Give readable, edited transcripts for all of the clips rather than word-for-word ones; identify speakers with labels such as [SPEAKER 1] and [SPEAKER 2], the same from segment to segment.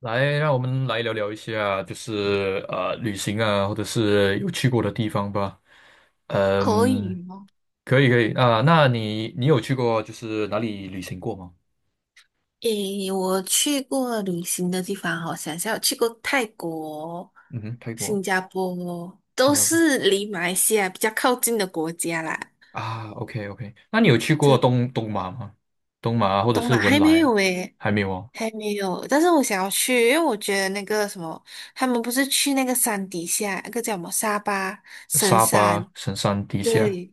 [SPEAKER 1] 来，让我们来聊聊一下，就是旅行啊，或者是有去过的地方吧。
[SPEAKER 2] 可以
[SPEAKER 1] 嗯，
[SPEAKER 2] 吗？
[SPEAKER 1] 可以可以啊，那你有去过就是哪里旅行过吗？
[SPEAKER 2] 诶，我去过旅行的地方哦，好想一下，我去过泰国、
[SPEAKER 1] 嗯哼，泰国、
[SPEAKER 2] 新加坡，
[SPEAKER 1] 新
[SPEAKER 2] 都
[SPEAKER 1] 加坡
[SPEAKER 2] 是离马来西亚比较靠近的国家啦。
[SPEAKER 1] 啊，OK OK，那你有去过
[SPEAKER 2] 就
[SPEAKER 1] 东马吗？东马啊或者
[SPEAKER 2] 东
[SPEAKER 1] 是
[SPEAKER 2] 马
[SPEAKER 1] 文
[SPEAKER 2] 还没
[SPEAKER 1] 莱啊？
[SPEAKER 2] 有诶，
[SPEAKER 1] 还没有哦，
[SPEAKER 2] 还没有。但是我想要去，因为我觉得那个什么，他们不是去那个山底下，那个叫什么沙巴神
[SPEAKER 1] 沙巴、
[SPEAKER 2] 山，
[SPEAKER 1] 神山、地下。
[SPEAKER 2] 对，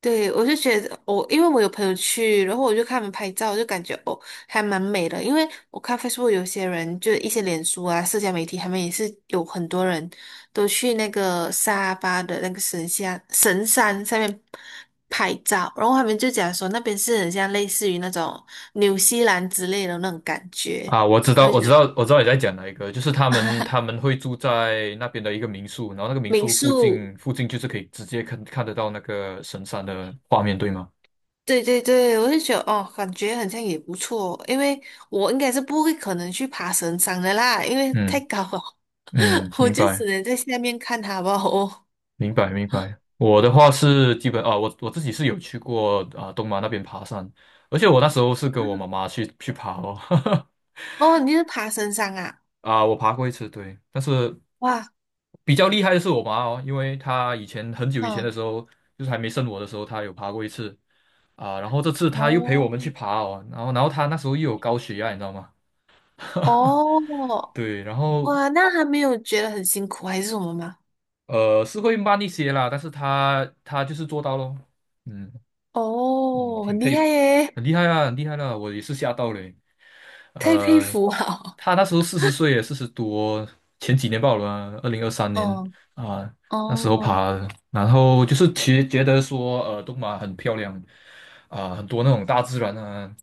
[SPEAKER 2] 对，我就觉得因为我有朋友去，然后我就看他们拍照，就感觉哦还蛮美的。因为我看 Facebook 有些人，就一些脸书啊、社交媒体，他们也是有很多人都去那个沙巴的那个神山上面拍照，然后他们就讲说那边是很像类似于那种纽西兰之类的那种感觉，
[SPEAKER 1] 啊，我知
[SPEAKER 2] 我
[SPEAKER 1] 道，
[SPEAKER 2] 就
[SPEAKER 1] 我知
[SPEAKER 2] 觉得
[SPEAKER 1] 道，我知道你在讲哪一个，就是他们他 们会住在那边的一个民宿，然后那个民
[SPEAKER 2] 民
[SPEAKER 1] 宿附近
[SPEAKER 2] 宿。
[SPEAKER 1] 附近就是可以直接看得到那个神山的画面，对吗？
[SPEAKER 2] 对对对，我就觉得哦，感觉好像也不错，因为我应该是不会可能去爬神山的啦，因为太
[SPEAKER 1] 嗯
[SPEAKER 2] 高了，
[SPEAKER 1] 嗯，
[SPEAKER 2] 我
[SPEAKER 1] 明
[SPEAKER 2] 就只
[SPEAKER 1] 白
[SPEAKER 2] 能在下面看它吧。哦，
[SPEAKER 1] 明白明白。我的话是基本啊，我自己是有去过啊东马那边爬山，而且我那时候是跟我妈妈去爬哦，
[SPEAKER 2] 哦，你是爬神山啊？
[SPEAKER 1] 啊，我爬过一次，对，但是
[SPEAKER 2] 哇，
[SPEAKER 1] 比较厉害的是我妈哦，因为她以前很久以前的
[SPEAKER 2] 嗯，
[SPEAKER 1] 时候，就是还没生我的时候，她有爬过一次。啊，然后这次他又陪我们去
[SPEAKER 2] 哦，
[SPEAKER 1] 爬哦，然后他那时候又有高血压，你知道吗？
[SPEAKER 2] 哦，
[SPEAKER 1] 对，然后
[SPEAKER 2] 哇，那还没有觉得很辛苦还是什么吗？
[SPEAKER 1] 是会慢一些啦，但是他就是做到咯，嗯。嗯，
[SPEAKER 2] 哦，
[SPEAKER 1] 挺
[SPEAKER 2] 很厉
[SPEAKER 1] 佩服，
[SPEAKER 2] 害耶，
[SPEAKER 1] 很厉害啊，很厉害的、我也是吓到嘞。
[SPEAKER 2] 太佩
[SPEAKER 1] 呃，
[SPEAKER 2] 服了。
[SPEAKER 1] 他那时候40岁，40多，前几年报了啊二零二三 年
[SPEAKER 2] 嗯，
[SPEAKER 1] 啊，那时候
[SPEAKER 2] 哦。
[SPEAKER 1] 爬的然后就是其实觉得说，东马很漂亮啊，很多那种大自然啊，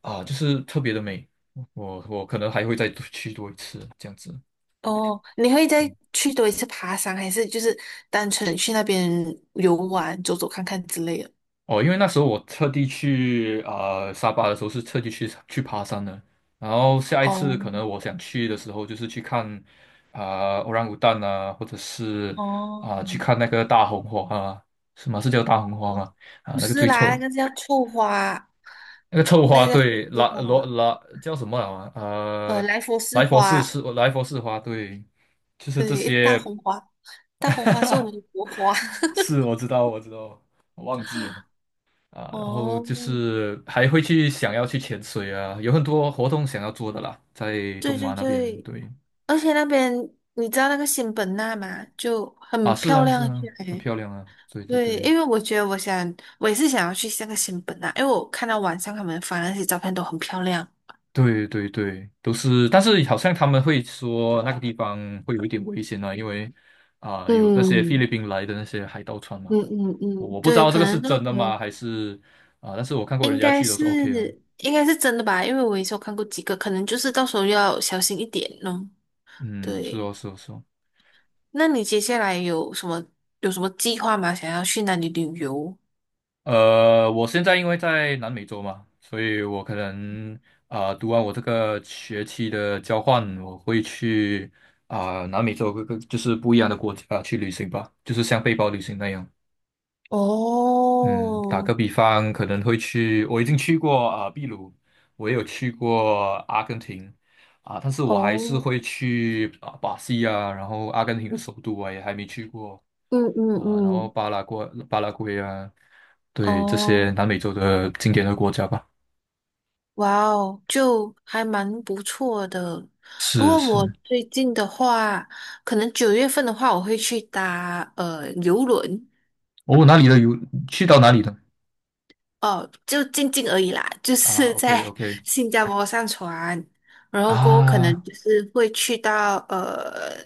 [SPEAKER 1] 啊，就是特别的美。我可能还会再去多一次这样子。
[SPEAKER 2] 哦，你会再去多一次爬山，还是就是单纯去那边游玩、走走看看之类的？
[SPEAKER 1] 哦，因为那时候我特地去啊沙巴的时候是特地去爬山的，然后下一次可
[SPEAKER 2] 哦
[SPEAKER 1] 能我想去的时候就是去看啊、orang 啊，或者是
[SPEAKER 2] 哦
[SPEAKER 1] 啊、去看那个大红花啊，什么是叫大红花
[SPEAKER 2] 哦，
[SPEAKER 1] 吗？啊，
[SPEAKER 2] 不
[SPEAKER 1] 那个
[SPEAKER 2] 是
[SPEAKER 1] 最臭
[SPEAKER 2] 啦，那
[SPEAKER 1] 的
[SPEAKER 2] 个叫臭花，
[SPEAKER 1] 那个臭
[SPEAKER 2] 那
[SPEAKER 1] 花，
[SPEAKER 2] 个叫臭
[SPEAKER 1] 对，
[SPEAKER 2] 丝
[SPEAKER 1] 拉罗
[SPEAKER 2] 花，
[SPEAKER 1] 拉叫什么啊？
[SPEAKER 2] 呃，莱佛士
[SPEAKER 1] 莱佛士
[SPEAKER 2] 花，
[SPEAKER 1] 是莱佛士花，对，就是这
[SPEAKER 2] 对，大
[SPEAKER 1] 些，
[SPEAKER 2] 红花，大红花是我 们的国花。
[SPEAKER 1] 是我知道我知道，我忘记了。啊，然后
[SPEAKER 2] 哦，
[SPEAKER 1] 就是还会去想要去潜水啊，有很多活动想要做的啦，在东
[SPEAKER 2] 对对
[SPEAKER 1] 马那边，
[SPEAKER 2] 对，
[SPEAKER 1] 对
[SPEAKER 2] 而且那边你知道那个仙本那吗？就很
[SPEAKER 1] 啊，是
[SPEAKER 2] 漂
[SPEAKER 1] 啊是
[SPEAKER 2] 亮，
[SPEAKER 1] 啊，很
[SPEAKER 2] 诶。
[SPEAKER 1] 漂亮啊，对对
[SPEAKER 2] 对，
[SPEAKER 1] 对
[SPEAKER 2] 因为我觉得我想，我也是想要去那个新本啊，因为我看到网上他们发那些照片都很漂亮。
[SPEAKER 1] 对对对，都是，但是好像他们会说那个地方会有一点危险啊，因为啊有那些菲律
[SPEAKER 2] 嗯
[SPEAKER 1] 宾来的那些海盗船嘛，
[SPEAKER 2] 嗯嗯
[SPEAKER 1] 我
[SPEAKER 2] 嗯，
[SPEAKER 1] 我不知
[SPEAKER 2] 对，
[SPEAKER 1] 道这
[SPEAKER 2] 可
[SPEAKER 1] 个是
[SPEAKER 2] 能到
[SPEAKER 1] 真的
[SPEAKER 2] 时
[SPEAKER 1] 吗，
[SPEAKER 2] 候
[SPEAKER 1] 还是啊，但是我看过
[SPEAKER 2] 应
[SPEAKER 1] 人家
[SPEAKER 2] 该
[SPEAKER 1] 去都是 OK 的，
[SPEAKER 2] 是应该是真的吧，因为我也是有看过几个，可能就是到时候要小心一点咯。
[SPEAKER 1] 嗯，是
[SPEAKER 2] 对，
[SPEAKER 1] 哦是哦是哦。
[SPEAKER 2] 那你接下来有什么计划吗？想要去哪里旅游？
[SPEAKER 1] 我现在因为在南美洲嘛，所以我可能啊、读完我这个学期的交换，我会去啊、南美洲各个就是不一样的国家去旅行吧，就是像背包旅行那样。嗯，打
[SPEAKER 2] 哦
[SPEAKER 1] 个比方，可能会去，我已经去过啊、秘鲁，我也有去过阿根廷啊、但是我还是
[SPEAKER 2] 哦，
[SPEAKER 1] 会去啊、巴西啊，然后阿根廷的首都啊也还没去过
[SPEAKER 2] 嗯嗯
[SPEAKER 1] 啊、然后
[SPEAKER 2] 嗯，
[SPEAKER 1] 巴拉圭啊。对这
[SPEAKER 2] 哦。
[SPEAKER 1] 些南美洲的经典的国家吧。
[SPEAKER 2] 哇哦，就还蛮不错的。不
[SPEAKER 1] 是
[SPEAKER 2] 过
[SPEAKER 1] 是，
[SPEAKER 2] 我最近的话，可能9月份的话，我会去搭游轮
[SPEAKER 1] 哦，哪里的有去到哪里的
[SPEAKER 2] 哦，就静静而已啦，就
[SPEAKER 1] 啊
[SPEAKER 2] 是
[SPEAKER 1] ？OK
[SPEAKER 2] 在
[SPEAKER 1] OK
[SPEAKER 2] 新加坡上船，然后过后可能
[SPEAKER 1] 啊
[SPEAKER 2] 就是会去到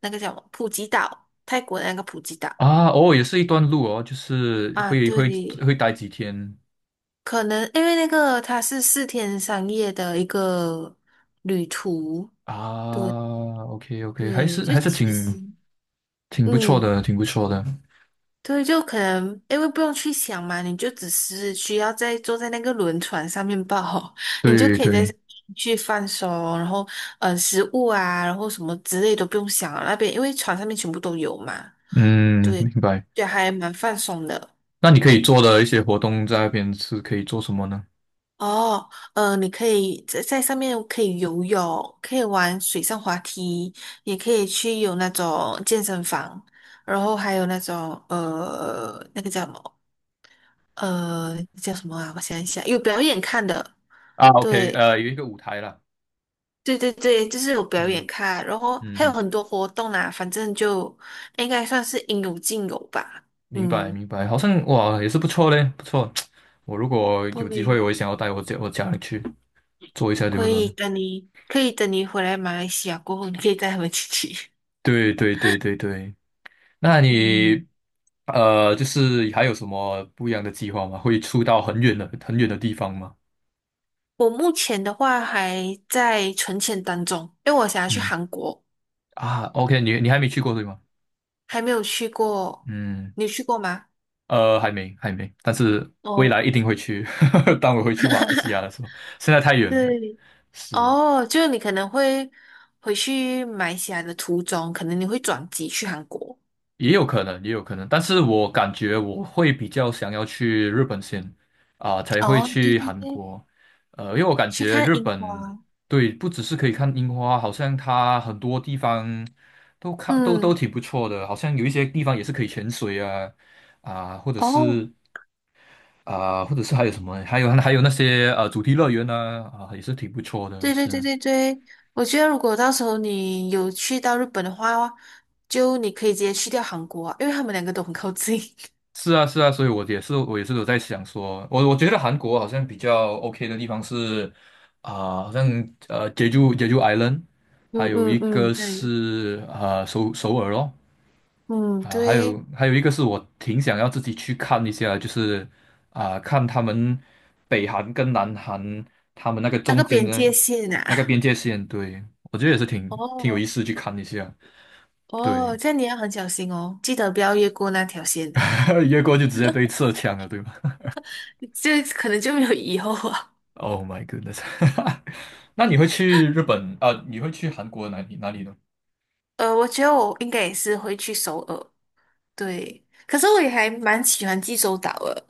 [SPEAKER 2] 那个叫什么普吉岛，泰国的那个普吉岛
[SPEAKER 1] 啊，哦，也是一段路哦，就是
[SPEAKER 2] 啊，
[SPEAKER 1] 会会
[SPEAKER 2] 对，
[SPEAKER 1] 会待几天
[SPEAKER 2] 可能因为那个它是4天3夜的一个旅途，对
[SPEAKER 1] 啊？OK OK，还
[SPEAKER 2] 对，
[SPEAKER 1] 是
[SPEAKER 2] 就
[SPEAKER 1] 还是
[SPEAKER 2] 其
[SPEAKER 1] 挺
[SPEAKER 2] 实。
[SPEAKER 1] 挺不错
[SPEAKER 2] 嗯，
[SPEAKER 1] 的，挺不错的。
[SPEAKER 2] 对，就可能因为不用去想嘛，你就只是需要在坐在那个轮船上面抱好，你就
[SPEAKER 1] 对
[SPEAKER 2] 可以在
[SPEAKER 1] 对，
[SPEAKER 2] 上面去放松，然后食物啊，然后什么之类都不用想了那边因为船上面全部都有嘛，
[SPEAKER 1] 嗯，
[SPEAKER 2] 对，
[SPEAKER 1] 明白。
[SPEAKER 2] 就还蛮放松的。
[SPEAKER 1] 那你可以做的一些活动在那边是可以做什么呢？
[SPEAKER 2] 哦，嗯，你可以在在上面可以游泳，可以玩水上滑梯，也可以去有那种健身房，然后还有那种那个叫什么？叫什么啊？我想一想，有表演看的，
[SPEAKER 1] 啊，OK，
[SPEAKER 2] 对，
[SPEAKER 1] 有一个舞台啦，
[SPEAKER 2] 对对对，就是有表
[SPEAKER 1] 嗯
[SPEAKER 2] 演看，然后
[SPEAKER 1] 嗯
[SPEAKER 2] 还有
[SPEAKER 1] 嗯
[SPEAKER 2] 很多活动啦，反正就应该算是应有尽有吧。
[SPEAKER 1] 明白
[SPEAKER 2] 嗯，
[SPEAKER 1] 明白，好像哇也是不错嘞，不错。我如果有机会，
[SPEAKER 2] 对，
[SPEAKER 1] 我也想要带我家人去做一下游轮。
[SPEAKER 2] 可以等你回来马来西亚过后，你可以带他们去去。
[SPEAKER 1] 对对对对对，那
[SPEAKER 2] 嗯，
[SPEAKER 1] 你就是还有什么不一样的计划吗？会出到很远的很远的地方吗？
[SPEAKER 2] 我目前的话还在存钱当中，因为我想要去
[SPEAKER 1] 嗯
[SPEAKER 2] 韩国，
[SPEAKER 1] 啊，OK，你还没去过对吗？
[SPEAKER 2] 还没有去过。
[SPEAKER 1] 嗯，
[SPEAKER 2] 你有去过吗？
[SPEAKER 1] 还没还没，但是未
[SPEAKER 2] 哦，
[SPEAKER 1] 来一定会去。当我回去马来西亚的时候，现在太远了。
[SPEAKER 2] 对，
[SPEAKER 1] 是，
[SPEAKER 2] 哦，就是你可能会回去买起来西亚的途中，可能你会转机去韩国。
[SPEAKER 1] 也有可能，也有可能，但是我感觉我会比较想要去日本先，啊、才会
[SPEAKER 2] 哦，对
[SPEAKER 1] 去
[SPEAKER 2] 对
[SPEAKER 1] 韩
[SPEAKER 2] 对，
[SPEAKER 1] 国，因为我感
[SPEAKER 2] 去
[SPEAKER 1] 觉
[SPEAKER 2] 看
[SPEAKER 1] 日
[SPEAKER 2] 樱
[SPEAKER 1] 本，
[SPEAKER 2] 花。
[SPEAKER 1] 对，不只是可以看樱花，好像它很多地方都看都都
[SPEAKER 2] 嗯，
[SPEAKER 1] 挺不错的，好像有一些地方也是可以潜水啊，啊、或者
[SPEAKER 2] 哦，
[SPEAKER 1] 是啊、或者是还有什么，还有那些主题乐园啊，啊、也是挺不错的，
[SPEAKER 2] 对对对
[SPEAKER 1] 是，
[SPEAKER 2] 对对，我觉得如果到时候你有去到日本的话，就你可以直接去掉韩国啊，因为他们两个都很靠近。
[SPEAKER 1] 是啊，是啊，所以我也是，我也是有在想说，我觉得韩国好像比较 OK 的地方是啊、好像Jeju Island，还
[SPEAKER 2] 嗯
[SPEAKER 1] 有一
[SPEAKER 2] 嗯嗯，
[SPEAKER 1] 个
[SPEAKER 2] 对，
[SPEAKER 1] 是首尔咯，
[SPEAKER 2] 嗯
[SPEAKER 1] 啊、还
[SPEAKER 2] 对，
[SPEAKER 1] 有还有一个是我挺想要自己去看一下，就是啊、看他们北韩跟南韩他们那个
[SPEAKER 2] 那
[SPEAKER 1] 中
[SPEAKER 2] 个
[SPEAKER 1] 间
[SPEAKER 2] 边
[SPEAKER 1] 的
[SPEAKER 2] 界线
[SPEAKER 1] 那个
[SPEAKER 2] 啊。
[SPEAKER 1] 边 界线，对，我觉得也是挺有意
[SPEAKER 2] 哦
[SPEAKER 1] 思去看一下，对，
[SPEAKER 2] 哦，这样你要很小心哦，记得不要越过那条线的，
[SPEAKER 1] 越过就直接被射枪了，对吧？
[SPEAKER 2] 这可能就没有以后啊。
[SPEAKER 1] Oh my goodness！那你会去日本啊？你会去韩国哪里呢？
[SPEAKER 2] 我觉得我应该也是会去首尔，对。可是我也还蛮喜欢济州岛的，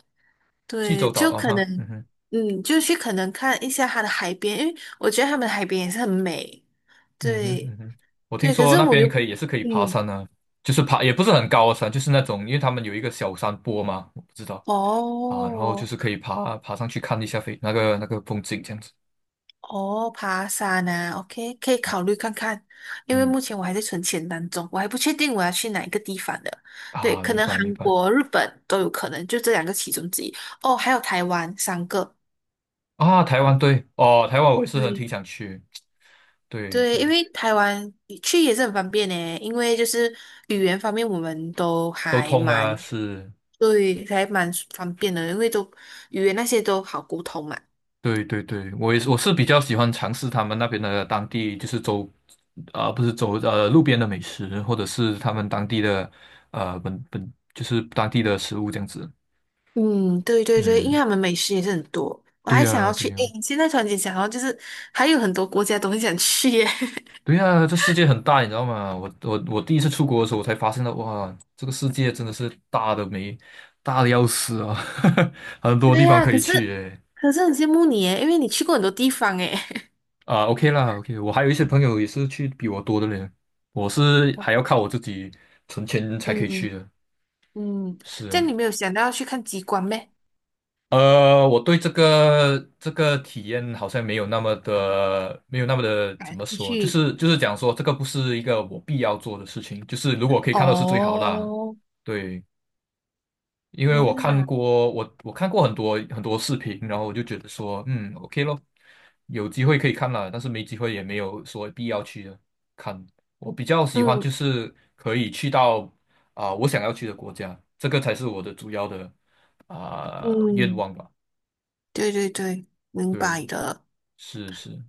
[SPEAKER 1] 济
[SPEAKER 2] 对，
[SPEAKER 1] 州岛
[SPEAKER 2] 就
[SPEAKER 1] 啊
[SPEAKER 2] 可
[SPEAKER 1] 哈，嗯
[SPEAKER 2] 能，
[SPEAKER 1] 哼，
[SPEAKER 2] 就去可能看一下它的海边，因为我觉得他们的海边也是很美，
[SPEAKER 1] 嗯哼，
[SPEAKER 2] 对
[SPEAKER 1] 嗯哼，我听
[SPEAKER 2] 对。可
[SPEAKER 1] 说
[SPEAKER 2] 是
[SPEAKER 1] 那
[SPEAKER 2] 我
[SPEAKER 1] 边
[SPEAKER 2] 又
[SPEAKER 1] 可
[SPEAKER 2] 不，
[SPEAKER 1] 以也是可以爬
[SPEAKER 2] 嗯，
[SPEAKER 1] 山啊，就是爬也不是很高的山，就是那种因为他们有一个小山坡嘛，我不知道啊，然后就
[SPEAKER 2] 哦
[SPEAKER 1] 是可以爬上去看一下飞那个风景这样子，
[SPEAKER 2] 哦，爬山啊，OK,可以考虑看看，因为
[SPEAKER 1] 嗯
[SPEAKER 2] 目前我还在存钱当中，我还不确定我要去哪一个地方的，对，
[SPEAKER 1] 啊，
[SPEAKER 2] 可
[SPEAKER 1] 明
[SPEAKER 2] 能
[SPEAKER 1] 白明
[SPEAKER 2] 韩
[SPEAKER 1] 白
[SPEAKER 2] 国、日本都有可能，就这两个其中之一。哦，还有台湾三个。
[SPEAKER 1] 啊，台湾对哦，台湾我也是很挺
[SPEAKER 2] 对
[SPEAKER 1] 想去，对
[SPEAKER 2] 对，因
[SPEAKER 1] 对，
[SPEAKER 2] 为台湾去也是很方便呢，因为就是语言方面我们都
[SPEAKER 1] 都
[SPEAKER 2] 还
[SPEAKER 1] 通啊
[SPEAKER 2] 蛮，
[SPEAKER 1] 是。
[SPEAKER 2] 对，还蛮方便的，因为都语言那些都好沟通嘛。
[SPEAKER 1] 对对对，我也是，我是比较喜欢尝试他们那边的当地，就是走，啊、不是走路边的美食，或者是他们当地的，本就是当地的食物这样子。
[SPEAKER 2] 嗯，对对对，因为
[SPEAKER 1] 嗯，
[SPEAKER 2] 他们美食也是很多，我
[SPEAKER 1] 对
[SPEAKER 2] 还想
[SPEAKER 1] 呀、
[SPEAKER 2] 要去，
[SPEAKER 1] 对
[SPEAKER 2] 诶，
[SPEAKER 1] 呀、
[SPEAKER 2] 现在突然间想到就是还有很多国家都很想去耶。
[SPEAKER 1] 对呀、这世界很大，你知道吗？我第一次出国的时候，我才发现到，哇，这个世界真的是大的没大的要死啊，很多
[SPEAKER 2] 对
[SPEAKER 1] 地方
[SPEAKER 2] 呀，
[SPEAKER 1] 可以
[SPEAKER 2] 可
[SPEAKER 1] 去
[SPEAKER 2] 是
[SPEAKER 1] 诶。
[SPEAKER 2] 可是很羡慕你耶，因为你去过很多地方耶。
[SPEAKER 1] 啊，OK 啦，OK，我还有一些朋友也是去比我多的嘞，我是还要 靠我自己存钱才可以去
[SPEAKER 2] 嗯
[SPEAKER 1] 的。
[SPEAKER 2] 嗯，这样
[SPEAKER 1] 是，
[SPEAKER 2] 你没有想到要去看极光咩？
[SPEAKER 1] 我对这个体验好像没有那么的，没有那么的怎
[SPEAKER 2] 感
[SPEAKER 1] 么
[SPEAKER 2] 兴
[SPEAKER 1] 说，就
[SPEAKER 2] 趣
[SPEAKER 1] 是就是讲说这个不是一个我必要做的事情，就是如果可以看到是最好啦。
[SPEAKER 2] 哦，
[SPEAKER 1] 对，因为
[SPEAKER 2] 原
[SPEAKER 1] 我看
[SPEAKER 2] 来。
[SPEAKER 1] 过我看过很多很多视频，然后我就觉得说，嗯，OK 咯，有机会可以看啦，但是没机会也没有说必要去看。我比较喜欢
[SPEAKER 2] 嗯
[SPEAKER 1] 就是可以去到啊、我想要去的国家，这个才是我的主要的啊、愿
[SPEAKER 2] 嗯，
[SPEAKER 1] 望吧。
[SPEAKER 2] 对对对，明
[SPEAKER 1] 对，
[SPEAKER 2] 白的。
[SPEAKER 1] 是是，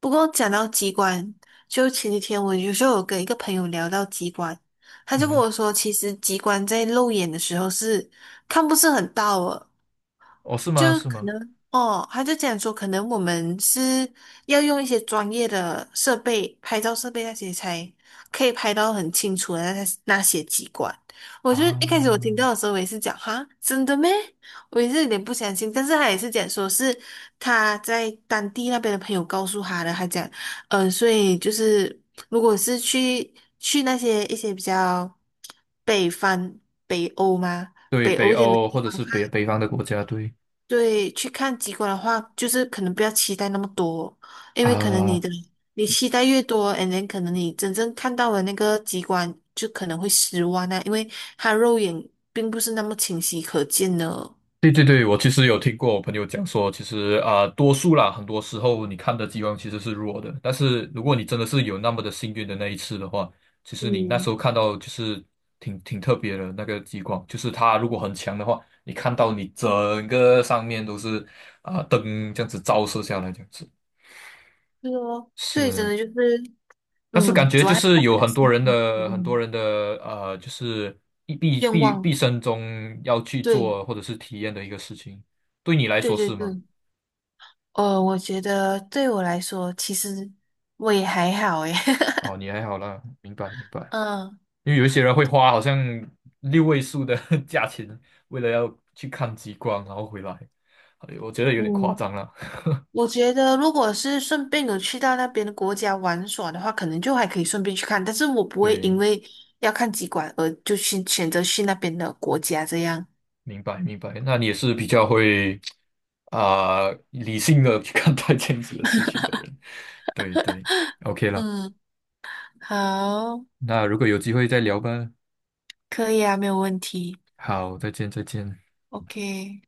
[SPEAKER 2] 不过讲到机关，就前几天我有时候有跟一个朋友聊到机关，他
[SPEAKER 1] 嗯
[SPEAKER 2] 就跟
[SPEAKER 1] 哼
[SPEAKER 2] 我说，其实机关在肉眼的时候是看不是很到的，
[SPEAKER 1] 哦，是吗？
[SPEAKER 2] 就
[SPEAKER 1] 是
[SPEAKER 2] 可
[SPEAKER 1] 吗？
[SPEAKER 2] 能哦，他就讲说，可能我们是要用一些专业的设备，拍照设备那些才可以拍到很清楚的那些机关。我
[SPEAKER 1] 啊，
[SPEAKER 2] 就一开始我听到的时候，我也是讲哈，真的咩？我也是有点不相信，但是他也是讲说是他在当地那边的朋友告诉他的，他讲，所以就是如果是去那些一些比较北方北欧吗？
[SPEAKER 1] 对，
[SPEAKER 2] 北
[SPEAKER 1] 北
[SPEAKER 2] 欧一点的
[SPEAKER 1] 欧
[SPEAKER 2] 地
[SPEAKER 1] 或者
[SPEAKER 2] 方。
[SPEAKER 1] 是北方的国家，对
[SPEAKER 2] 对，去看极光的话，就是可能不要期待那么多，因为可能
[SPEAKER 1] 啊，
[SPEAKER 2] 你期待越多 a n 可能你真正看到的那个极光就可能会失望啊，因为它肉眼并不是那么清晰可见的。
[SPEAKER 1] 对对对，我其实有听过我朋友讲说，其实啊，多数啦，很多时候你看的激光其实是弱的，但是如果你真的是有那么的幸运的那一次的话，其实你那时
[SPEAKER 2] 嗯，
[SPEAKER 1] 候看到就是挺特别的那个激光，就是它如果很强的话，你看到你整个上面都是啊灯这样子照射下来这样子，
[SPEAKER 2] 对哦，对，真
[SPEAKER 1] 是，
[SPEAKER 2] 的就是
[SPEAKER 1] 但是感觉
[SPEAKER 2] 主要
[SPEAKER 1] 就是有
[SPEAKER 2] 概
[SPEAKER 1] 很
[SPEAKER 2] 是
[SPEAKER 1] 多人的很多
[SPEAKER 2] 嗯
[SPEAKER 1] 人的就是一毕
[SPEAKER 2] 愿
[SPEAKER 1] 毕毕
[SPEAKER 2] 望。
[SPEAKER 1] 生中要去
[SPEAKER 2] 对，
[SPEAKER 1] 做或者是体验的一个事情，对你来
[SPEAKER 2] 对
[SPEAKER 1] 说
[SPEAKER 2] 对
[SPEAKER 1] 是吗？
[SPEAKER 2] 对，我觉得对我来说，其实我也还好诶。
[SPEAKER 1] 哦，你还好啦，明白明白。
[SPEAKER 2] 嗯
[SPEAKER 1] 因为有一些人会花好像6位数的 价钱，为了要去看极光，然后回来，哎我觉得有点夸
[SPEAKER 2] 嗯。
[SPEAKER 1] 张了。
[SPEAKER 2] 我觉得，如果是顺便有去到那边的国家玩耍的话，可能就还可以顺便去看，但是我不会因
[SPEAKER 1] 对，
[SPEAKER 2] 为要看极光而就去选择去那边的国家这样。
[SPEAKER 1] 明白明白。那你也是比较会啊、理性的去看待这样子的事情的人。对对，OK 了。
[SPEAKER 2] 嗯，好，
[SPEAKER 1] 那如果有机会再聊吧。
[SPEAKER 2] 可以啊，没有问题。
[SPEAKER 1] 好，再见，再见。
[SPEAKER 2] OK。